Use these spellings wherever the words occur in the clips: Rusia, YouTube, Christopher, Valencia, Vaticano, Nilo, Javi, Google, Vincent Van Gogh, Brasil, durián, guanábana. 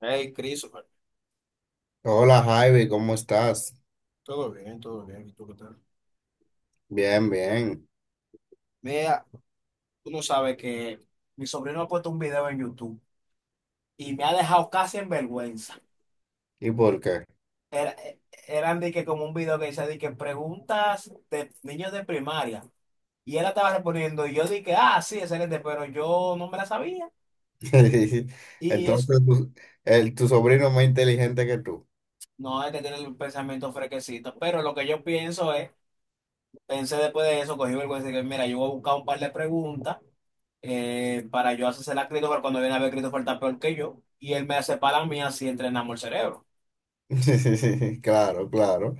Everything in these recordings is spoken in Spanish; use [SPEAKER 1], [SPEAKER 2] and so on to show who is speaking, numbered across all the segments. [SPEAKER 1] Hey, Christopher,
[SPEAKER 2] Hola Javi, ¿cómo estás?
[SPEAKER 1] todo bien, todo bien. ¿Y tú qué tal?
[SPEAKER 2] Bien, bien.
[SPEAKER 1] Mira, tú no sabes que mi sobrino ha puesto un video en YouTube y me ha dejado casi en vergüenza.
[SPEAKER 2] ¿Y por qué?
[SPEAKER 1] Era, eh, eran de que como un video que dice de que preguntas de niños de primaria. Y él la estaba respondiendo y yo dije, ah, sí, excelente, pero yo no me la sabía. Y es,
[SPEAKER 2] Entonces, tu sobrino es más inteligente que tú.
[SPEAKER 1] no, hay que tener el pensamiento fresquecito. Pero lo que yo pienso es pensé después de eso, cogí vergüenza y dije, mira, yo voy a buscar un par de preguntas para yo hacerse la Christopher cuando viene a ver Christopher está peor que yo y él me hace para la así entrenamos el cerebro.
[SPEAKER 2] Claro, claro.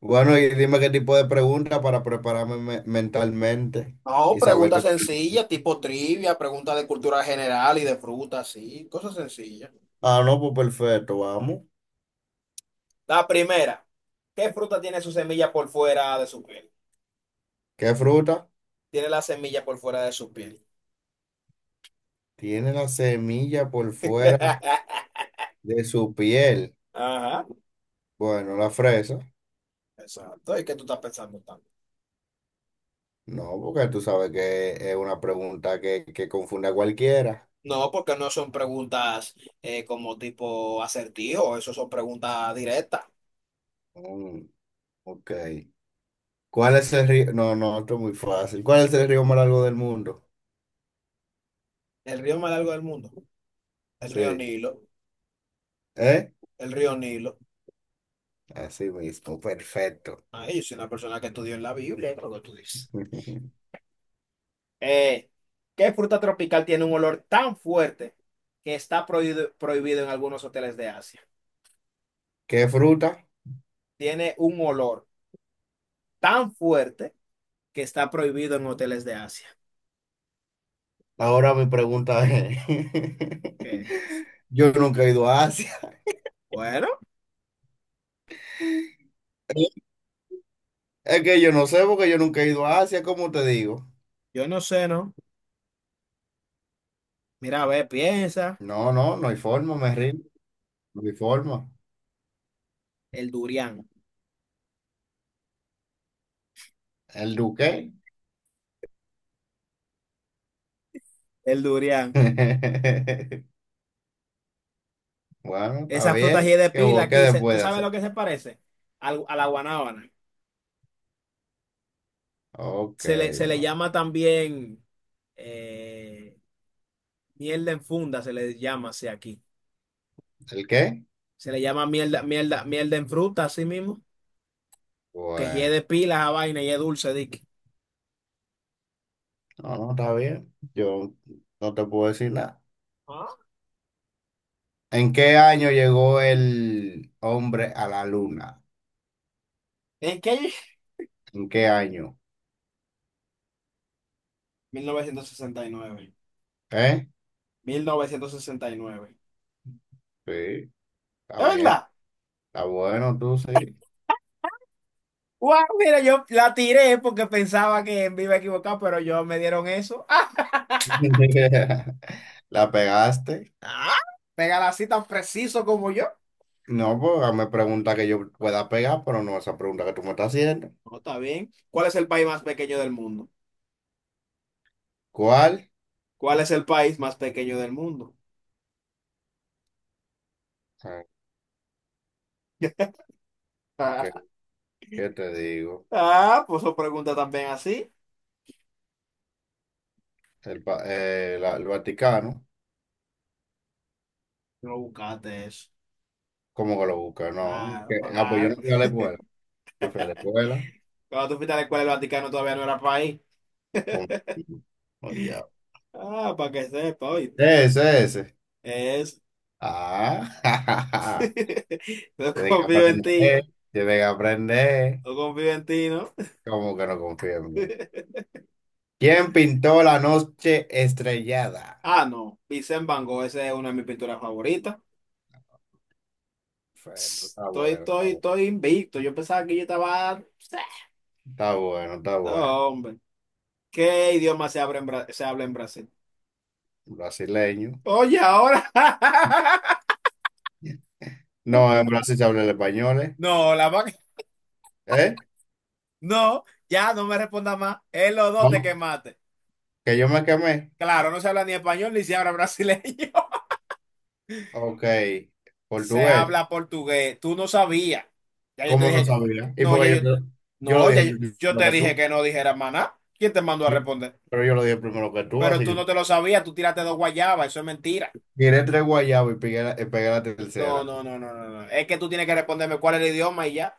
[SPEAKER 2] Bueno, y dime qué tipo de pregunta para prepararme mentalmente
[SPEAKER 1] No,
[SPEAKER 2] y saber
[SPEAKER 1] preguntas
[SPEAKER 2] qué...
[SPEAKER 1] sencillas, tipo trivia, preguntas de cultura general y de frutas, sí, cosas sencillas.
[SPEAKER 2] Ah, no, pues perfecto, vamos.
[SPEAKER 1] La primera, ¿qué fruta tiene su semilla por fuera de su piel?
[SPEAKER 2] ¿Qué fruta?
[SPEAKER 1] Tiene la semilla por fuera de su piel.
[SPEAKER 2] Tiene la semilla por fuera de su piel.
[SPEAKER 1] Ajá,
[SPEAKER 2] Bueno, la fresa.
[SPEAKER 1] exacto. ¿Y qué tú estás pensando tanto?
[SPEAKER 2] No, porque tú sabes que es una pregunta que confunde a cualquiera.
[SPEAKER 1] No, porque no son preguntas como tipo acertijo, eso son preguntas directas.
[SPEAKER 2] Mm, ok. ¿Cuál es el río? No, no, esto es muy fácil. ¿Cuál es el río más largo del mundo?
[SPEAKER 1] El río más largo del mundo, el río
[SPEAKER 2] Sí.
[SPEAKER 1] Nilo,
[SPEAKER 2] ¿Eh?
[SPEAKER 1] el río Nilo.
[SPEAKER 2] Así mismo, perfecto.
[SPEAKER 1] Ay, yo soy una persona que estudió en la Biblia, creo que tú dices. Eh, ¿Qué fruta tropical tiene un olor tan fuerte que está prohibido en algunos hoteles de Asia?
[SPEAKER 2] ¿Qué fruta?
[SPEAKER 1] Tiene un olor tan fuerte que está prohibido en hoteles de Asia.
[SPEAKER 2] Ahora mi pregunta es,
[SPEAKER 1] ¿Qué?
[SPEAKER 2] yo nunca he ido a Asia.
[SPEAKER 1] Bueno,
[SPEAKER 2] Es que yo no sé porque yo nunca he ido a Asia, ¿cómo te digo?
[SPEAKER 1] yo no sé, ¿no? Mira, a ver, piensa,
[SPEAKER 2] No, no, no hay forma, me rindo, no hay forma.
[SPEAKER 1] el durián,
[SPEAKER 2] ¿El duque?
[SPEAKER 1] el durián.
[SPEAKER 2] Bueno, está
[SPEAKER 1] Esa fruta así
[SPEAKER 2] bien.
[SPEAKER 1] de
[SPEAKER 2] ¿Qué,
[SPEAKER 1] pila
[SPEAKER 2] qué
[SPEAKER 1] aquí,
[SPEAKER 2] después
[SPEAKER 1] ¿tú
[SPEAKER 2] puede
[SPEAKER 1] sabes
[SPEAKER 2] hacer?
[SPEAKER 1] lo que se parece? A la guanábana.
[SPEAKER 2] Ok,
[SPEAKER 1] Se le
[SPEAKER 2] bueno.
[SPEAKER 1] llama también eh, mierda en funda, se le llama así aquí.
[SPEAKER 2] ¿El qué?
[SPEAKER 1] Se le llama mierda, mierda, mierda en fruta, así mismo. Que si es
[SPEAKER 2] Bueno.
[SPEAKER 1] de pila a vaina y es dulce, dique.
[SPEAKER 2] No, no, está bien. Yo no te puedo decir nada.
[SPEAKER 1] Ah.
[SPEAKER 2] ¿En qué año llegó el hombre a la luna?
[SPEAKER 1] ¿En qué? mil
[SPEAKER 2] ¿En qué año?
[SPEAKER 1] mil novecientos sesenta y nueve.
[SPEAKER 2] ¿Eh?
[SPEAKER 1] 1969.
[SPEAKER 2] Sí, está
[SPEAKER 1] ¿Es
[SPEAKER 2] bien.
[SPEAKER 1] verdad?
[SPEAKER 2] Está bueno, tú sí.
[SPEAKER 1] ¡Wow! Mira, yo la tiré porque pensaba que me iba a equivocar, pero yo me dieron eso. ¡Ah!
[SPEAKER 2] ¿La pegaste?
[SPEAKER 1] ah, Pégala así tan preciso como yo.
[SPEAKER 2] No, pues hazme pregunta que yo pueda pegar, pero no esa pregunta que tú me estás haciendo.
[SPEAKER 1] No, está bien. ¿Cuál es el país más pequeño del mundo?
[SPEAKER 2] ¿Cuál?
[SPEAKER 1] ¿Cuál es el país más pequeño del mundo?
[SPEAKER 2] Ah, ¿Qué, qué te digo?
[SPEAKER 1] Ah, pues eso pregunta también así.
[SPEAKER 2] El, el Vaticano.
[SPEAKER 1] Tú no buscaste eso.
[SPEAKER 2] ¿Cómo que lo busca? No.
[SPEAKER 1] Ah,
[SPEAKER 2] ¿Qué? Ah, pues
[SPEAKER 1] ah.
[SPEAKER 2] yo no fui a la escuela. Yo fui a la escuela.
[SPEAKER 1] Cuando tú fuiste a la escuela, el Vaticano todavía no era país.
[SPEAKER 2] ¿Cómo? Oye.
[SPEAKER 1] Ah, para que sepa, oíste.
[SPEAKER 2] Ese, ese.
[SPEAKER 1] Es.
[SPEAKER 2] Ah, jajaja
[SPEAKER 1] No
[SPEAKER 2] tiene que
[SPEAKER 1] confío en ti.
[SPEAKER 2] aprender, tiene que aprender.
[SPEAKER 1] No confío en ti, ¿no?
[SPEAKER 2] ¿Cómo que no confía en mí? ¿Quién pintó la noche estrellada?
[SPEAKER 1] Ah, no. Vincent Van Gogh, esa es una de mis pinturas favoritas.
[SPEAKER 2] Perfecto, está
[SPEAKER 1] Estoy,
[SPEAKER 2] bueno, está
[SPEAKER 1] estoy,
[SPEAKER 2] bueno,
[SPEAKER 1] estoy invicto. Yo pensaba que yo estaba.
[SPEAKER 2] está bueno, está bueno.
[SPEAKER 1] No, hombre. ¿Qué idioma se habla en Brasil?
[SPEAKER 2] Brasileño.
[SPEAKER 1] Oye, ahora.
[SPEAKER 2] No, en Brasil se habla el español, ¿eh?
[SPEAKER 1] No, la vaca.
[SPEAKER 2] ¿Eh?
[SPEAKER 1] No, ya no me responda más. Es los dos te
[SPEAKER 2] No,
[SPEAKER 1] quemaste.
[SPEAKER 2] que yo me quemé.
[SPEAKER 1] Claro, no se habla ni español ni se habla brasileño.
[SPEAKER 2] Ok,
[SPEAKER 1] Se
[SPEAKER 2] portugués.
[SPEAKER 1] habla portugués. Tú no sabías. Ya yo te
[SPEAKER 2] ¿Cómo
[SPEAKER 1] dije
[SPEAKER 2] no
[SPEAKER 1] que.
[SPEAKER 2] sabía? Y
[SPEAKER 1] No, ya
[SPEAKER 2] porque
[SPEAKER 1] yo.
[SPEAKER 2] yo lo
[SPEAKER 1] No, ya
[SPEAKER 2] dije
[SPEAKER 1] yo, yo
[SPEAKER 2] primero
[SPEAKER 1] te
[SPEAKER 2] que
[SPEAKER 1] dije
[SPEAKER 2] tú.
[SPEAKER 1] que no dijeras más nada. ¿Quién te mandó a
[SPEAKER 2] ¿Sí?
[SPEAKER 1] responder?
[SPEAKER 2] Pero yo lo dije primero que tú,
[SPEAKER 1] Pero
[SPEAKER 2] así
[SPEAKER 1] tú no
[SPEAKER 2] que...
[SPEAKER 1] te lo sabías. Tú tiraste dos guayabas. Eso es mentira.
[SPEAKER 2] Tiré tres guayabos y pegué la
[SPEAKER 1] No,
[SPEAKER 2] tercera.
[SPEAKER 1] no, no, no, no. No. Es que tú tienes que responderme cuál es el idioma y ya.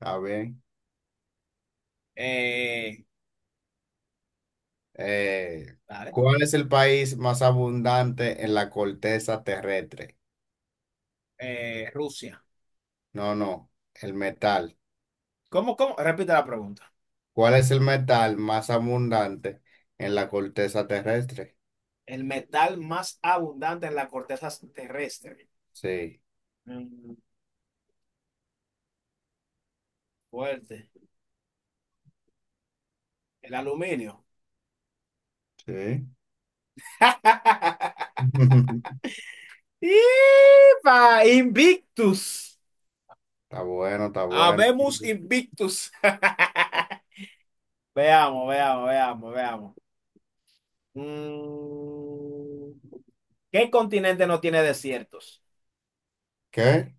[SPEAKER 2] A ver.
[SPEAKER 1] Eh,
[SPEAKER 2] Eh,
[SPEAKER 1] Dale.
[SPEAKER 2] ¿Cuál es el país más abundante en la corteza terrestre?
[SPEAKER 1] Rusia.
[SPEAKER 2] No, no, el metal.
[SPEAKER 1] ¿Cómo, cómo? Repite la pregunta.
[SPEAKER 2] ¿Cuál es el metal más abundante en la corteza terrestre?
[SPEAKER 1] El metal más abundante en la corteza terrestre.
[SPEAKER 2] Sí,
[SPEAKER 1] Mm, Fuerte. El aluminio.
[SPEAKER 2] sí.
[SPEAKER 1] ¡Ipa! Invictus.
[SPEAKER 2] Está bueno, está bueno.
[SPEAKER 1] Habemos Invictus. Veamos, veamos, veamos, veamos. Mm, ¿Qué continente no tiene desiertos?
[SPEAKER 2] ¿Qué?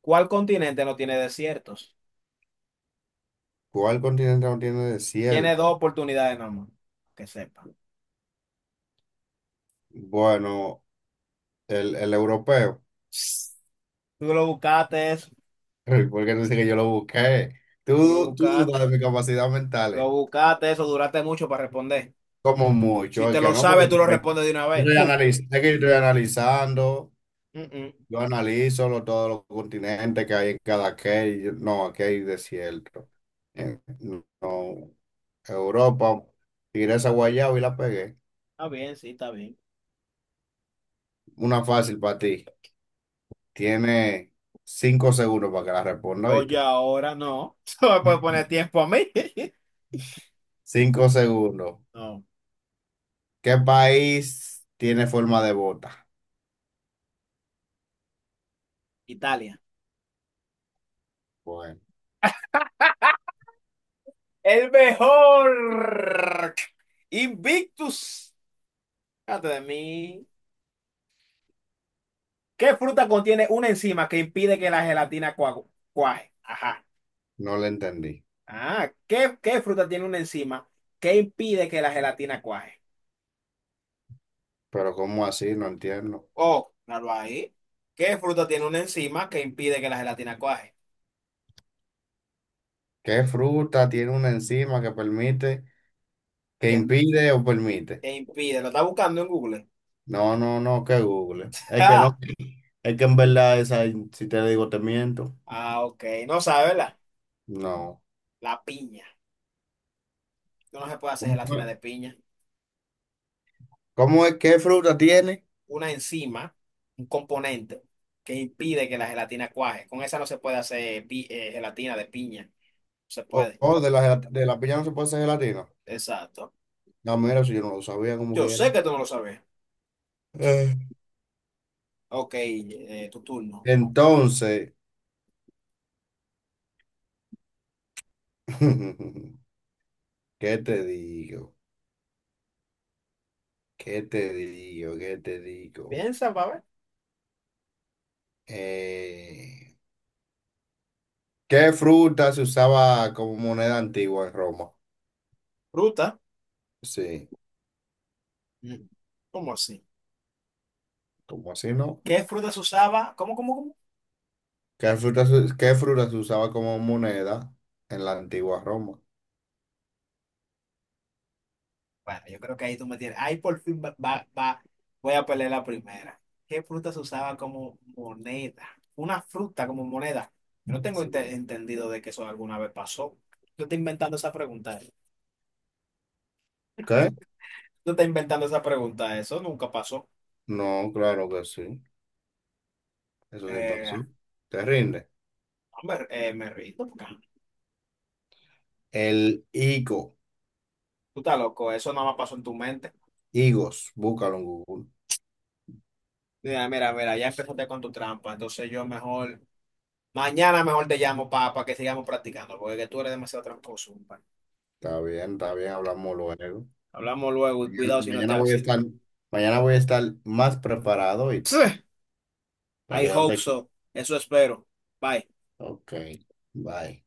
[SPEAKER 1] ¿Cuál continente no tiene desiertos?
[SPEAKER 2] ¿Cuál continente no tiene
[SPEAKER 1] Tiene
[SPEAKER 2] desierto?
[SPEAKER 1] dos oportunidades nomás, que sepa.
[SPEAKER 2] Bueno, el europeo.
[SPEAKER 1] Tú lo buscaste eso,
[SPEAKER 2] Porque no sé que yo lo busqué.
[SPEAKER 1] tú
[SPEAKER 2] Tú dudas de mis capacidades
[SPEAKER 1] lo
[SPEAKER 2] mentales.
[SPEAKER 1] buscaste eso, duraste mucho para responder.
[SPEAKER 2] Como
[SPEAKER 1] Si
[SPEAKER 2] mucho, es
[SPEAKER 1] te
[SPEAKER 2] que
[SPEAKER 1] lo
[SPEAKER 2] no, porque
[SPEAKER 1] sabes, tú lo
[SPEAKER 2] yo
[SPEAKER 1] respondes de una vez.
[SPEAKER 2] estoy
[SPEAKER 1] Puf.
[SPEAKER 2] analizando, que yo estoy analizando,
[SPEAKER 1] Mm, mm.
[SPEAKER 2] yo analizo todos los continentes que hay en cada que, no, aquí hay desierto. Eh, no, Europa, tiré esa guayaba y la pegué.
[SPEAKER 1] Está bien, sí, está bien.
[SPEAKER 2] Una fácil para ti. Tiene 5 segundos para que la responda,
[SPEAKER 1] Oye,
[SPEAKER 2] ¿viste?
[SPEAKER 1] ahora no. No me puedes poner tiempo a mí.
[SPEAKER 2] 5 segundos.
[SPEAKER 1] No.
[SPEAKER 2] ¿Qué país tiene forma de bota?
[SPEAKER 1] Italia.
[SPEAKER 2] Bueno,
[SPEAKER 1] El mejor. Invictus. Fíjate de mí. ¿Qué fruta contiene una enzima que impide que la gelatina cuaje? Ajá.
[SPEAKER 2] no le entendí.
[SPEAKER 1] Ah, ¿qué fruta tiene una enzima que impide que la gelatina cuaje?
[SPEAKER 2] Pero ¿cómo así? No entiendo.
[SPEAKER 1] Oh, claro ahí. ¿Qué fruta tiene una enzima que impide que la gelatina cuaje?
[SPEAKER 2] ¿Qué fruta tiene una enzima que permite, que
[SPEAKER 1] Tiene
[SPEAKER 2] impide o permite?
[SPEAKER 1] Te impide. Lo está buscando en Google.
[SPEAKER 2] No, no, no, que Google. Es que no,
[SPEAKER 1] Ah,
[SPEAKER 2] es que en verdad esa, si te digo, te miento.
[SPEAKER 1] ah, ok. No sabe, ¿verdad?
[SPEAKER 2] No.
[SPEAKER 1] La piña. No se puede hacer
[SPEAKER 2] ¿Cómo
[SPEAKER 1] gelatina
[SPEAKER 2] es?
[SPEAKER 1] de piña.
[SPEAKER 2] ¿Cómo es? ¿Qué fruta tiene?
[SPEAKER 1] Una enzima, un componente que impide que la gelatina cuaje. Con esa no se puede hacer gelatina de piña. No se puede.
[SPEAKER 2] O de la piña no se puede hacer gelatina.
[SPEAKER 1] Exacto.
[SPEAKER 2] No, mira, si yo no lo sabía como
[SPEAKER 1] Yo sé
[SPEAKER 2] quiera.
[SPEAKER 1] que tú no lo sabes.
[SPEAKER 2] Eh.
[SPEAKER 1] Ok, tu turno.
[SPEAKER 2] Entonces, ¿qué te digo? ¿Qué te digo? ¿Qué te digo?
[SPEAKER 1] Piensa, va a ver.
[SPEAKER 2] Eh, ¿Qué fruta se usaba como moneda antigua en Roma?
[SPEAKER 1] Fruta.
[SPEAKER 2] Sí,
[SPEAKER 1] Mm, ¿Cómo así?
[SPEAKER 2] ¿cómo así no?
[SPEAKER 1] ¿Qué fruta se usaba? ¿Cómo, cómo, cómo?
[SPEAKER 2] ¿Qué fruta, qué fruta se usaba como moneda en la antigua Roma?
[SPEAKER 1] Bueno, yo creo que ahí tú me tienes. Ahí por fin voy a pelear la primera. ¿Qué fruta se usaba como moneda? Una fruta como moneda. Yo no tengo
[SPEAKER 2] Sí.
[SPEAKER 1] entendido de que eso alguna vez pasó. Tú estás inventando esa pregunta,
[SPEAKER 2] ¿Qué?
[SPEAKER 1] Tú estás inventando esa pregunta. Eso nunca pasó.
[SPEAKER 2] No, claro que sí. Eso sí
[SPEAKER 1] Eh,
[SPEAKER 2] pasó. Te rinde.
[SPEAKER 1] Hombre, me rindo porque
[SPEAKER 2] El higo.
[SPEAKER 1] tú estás loco. Eso nada más pasó en tu mente.
[SPEAKER 2] Higos. Búscalo en Google.
[SPEAKER 1] Mira, mira, mira. Ya empezaste con tu trampa. Entonces yo mejor. Mañana mejor te llamo para que sigamos practicando. Porque tú eres demasiado tramposo, compadre.
[SPEAKER 2] Está bien, está bien. Hablamos luego.
[SPEAKER 1] Hablamos luego y
[SPEAKER 2] Mañana
[SPEAKER 1] cuidado si no te...
[SPEAKER 2] mañana voy a
[SPEAKER 1] si-
[SPEAKER 2] estar, mañana voy a estar más preparado, ¿oíste? Para
[SPEAKER 1] I
[SPEAKER 2] que no te...
[SPEAKER 1] hope so.
[SPEAKER 2] equivoques.
[SPEAKER 1] Eso espero. Bye.
[SPEAKER 2] Ok. Bye.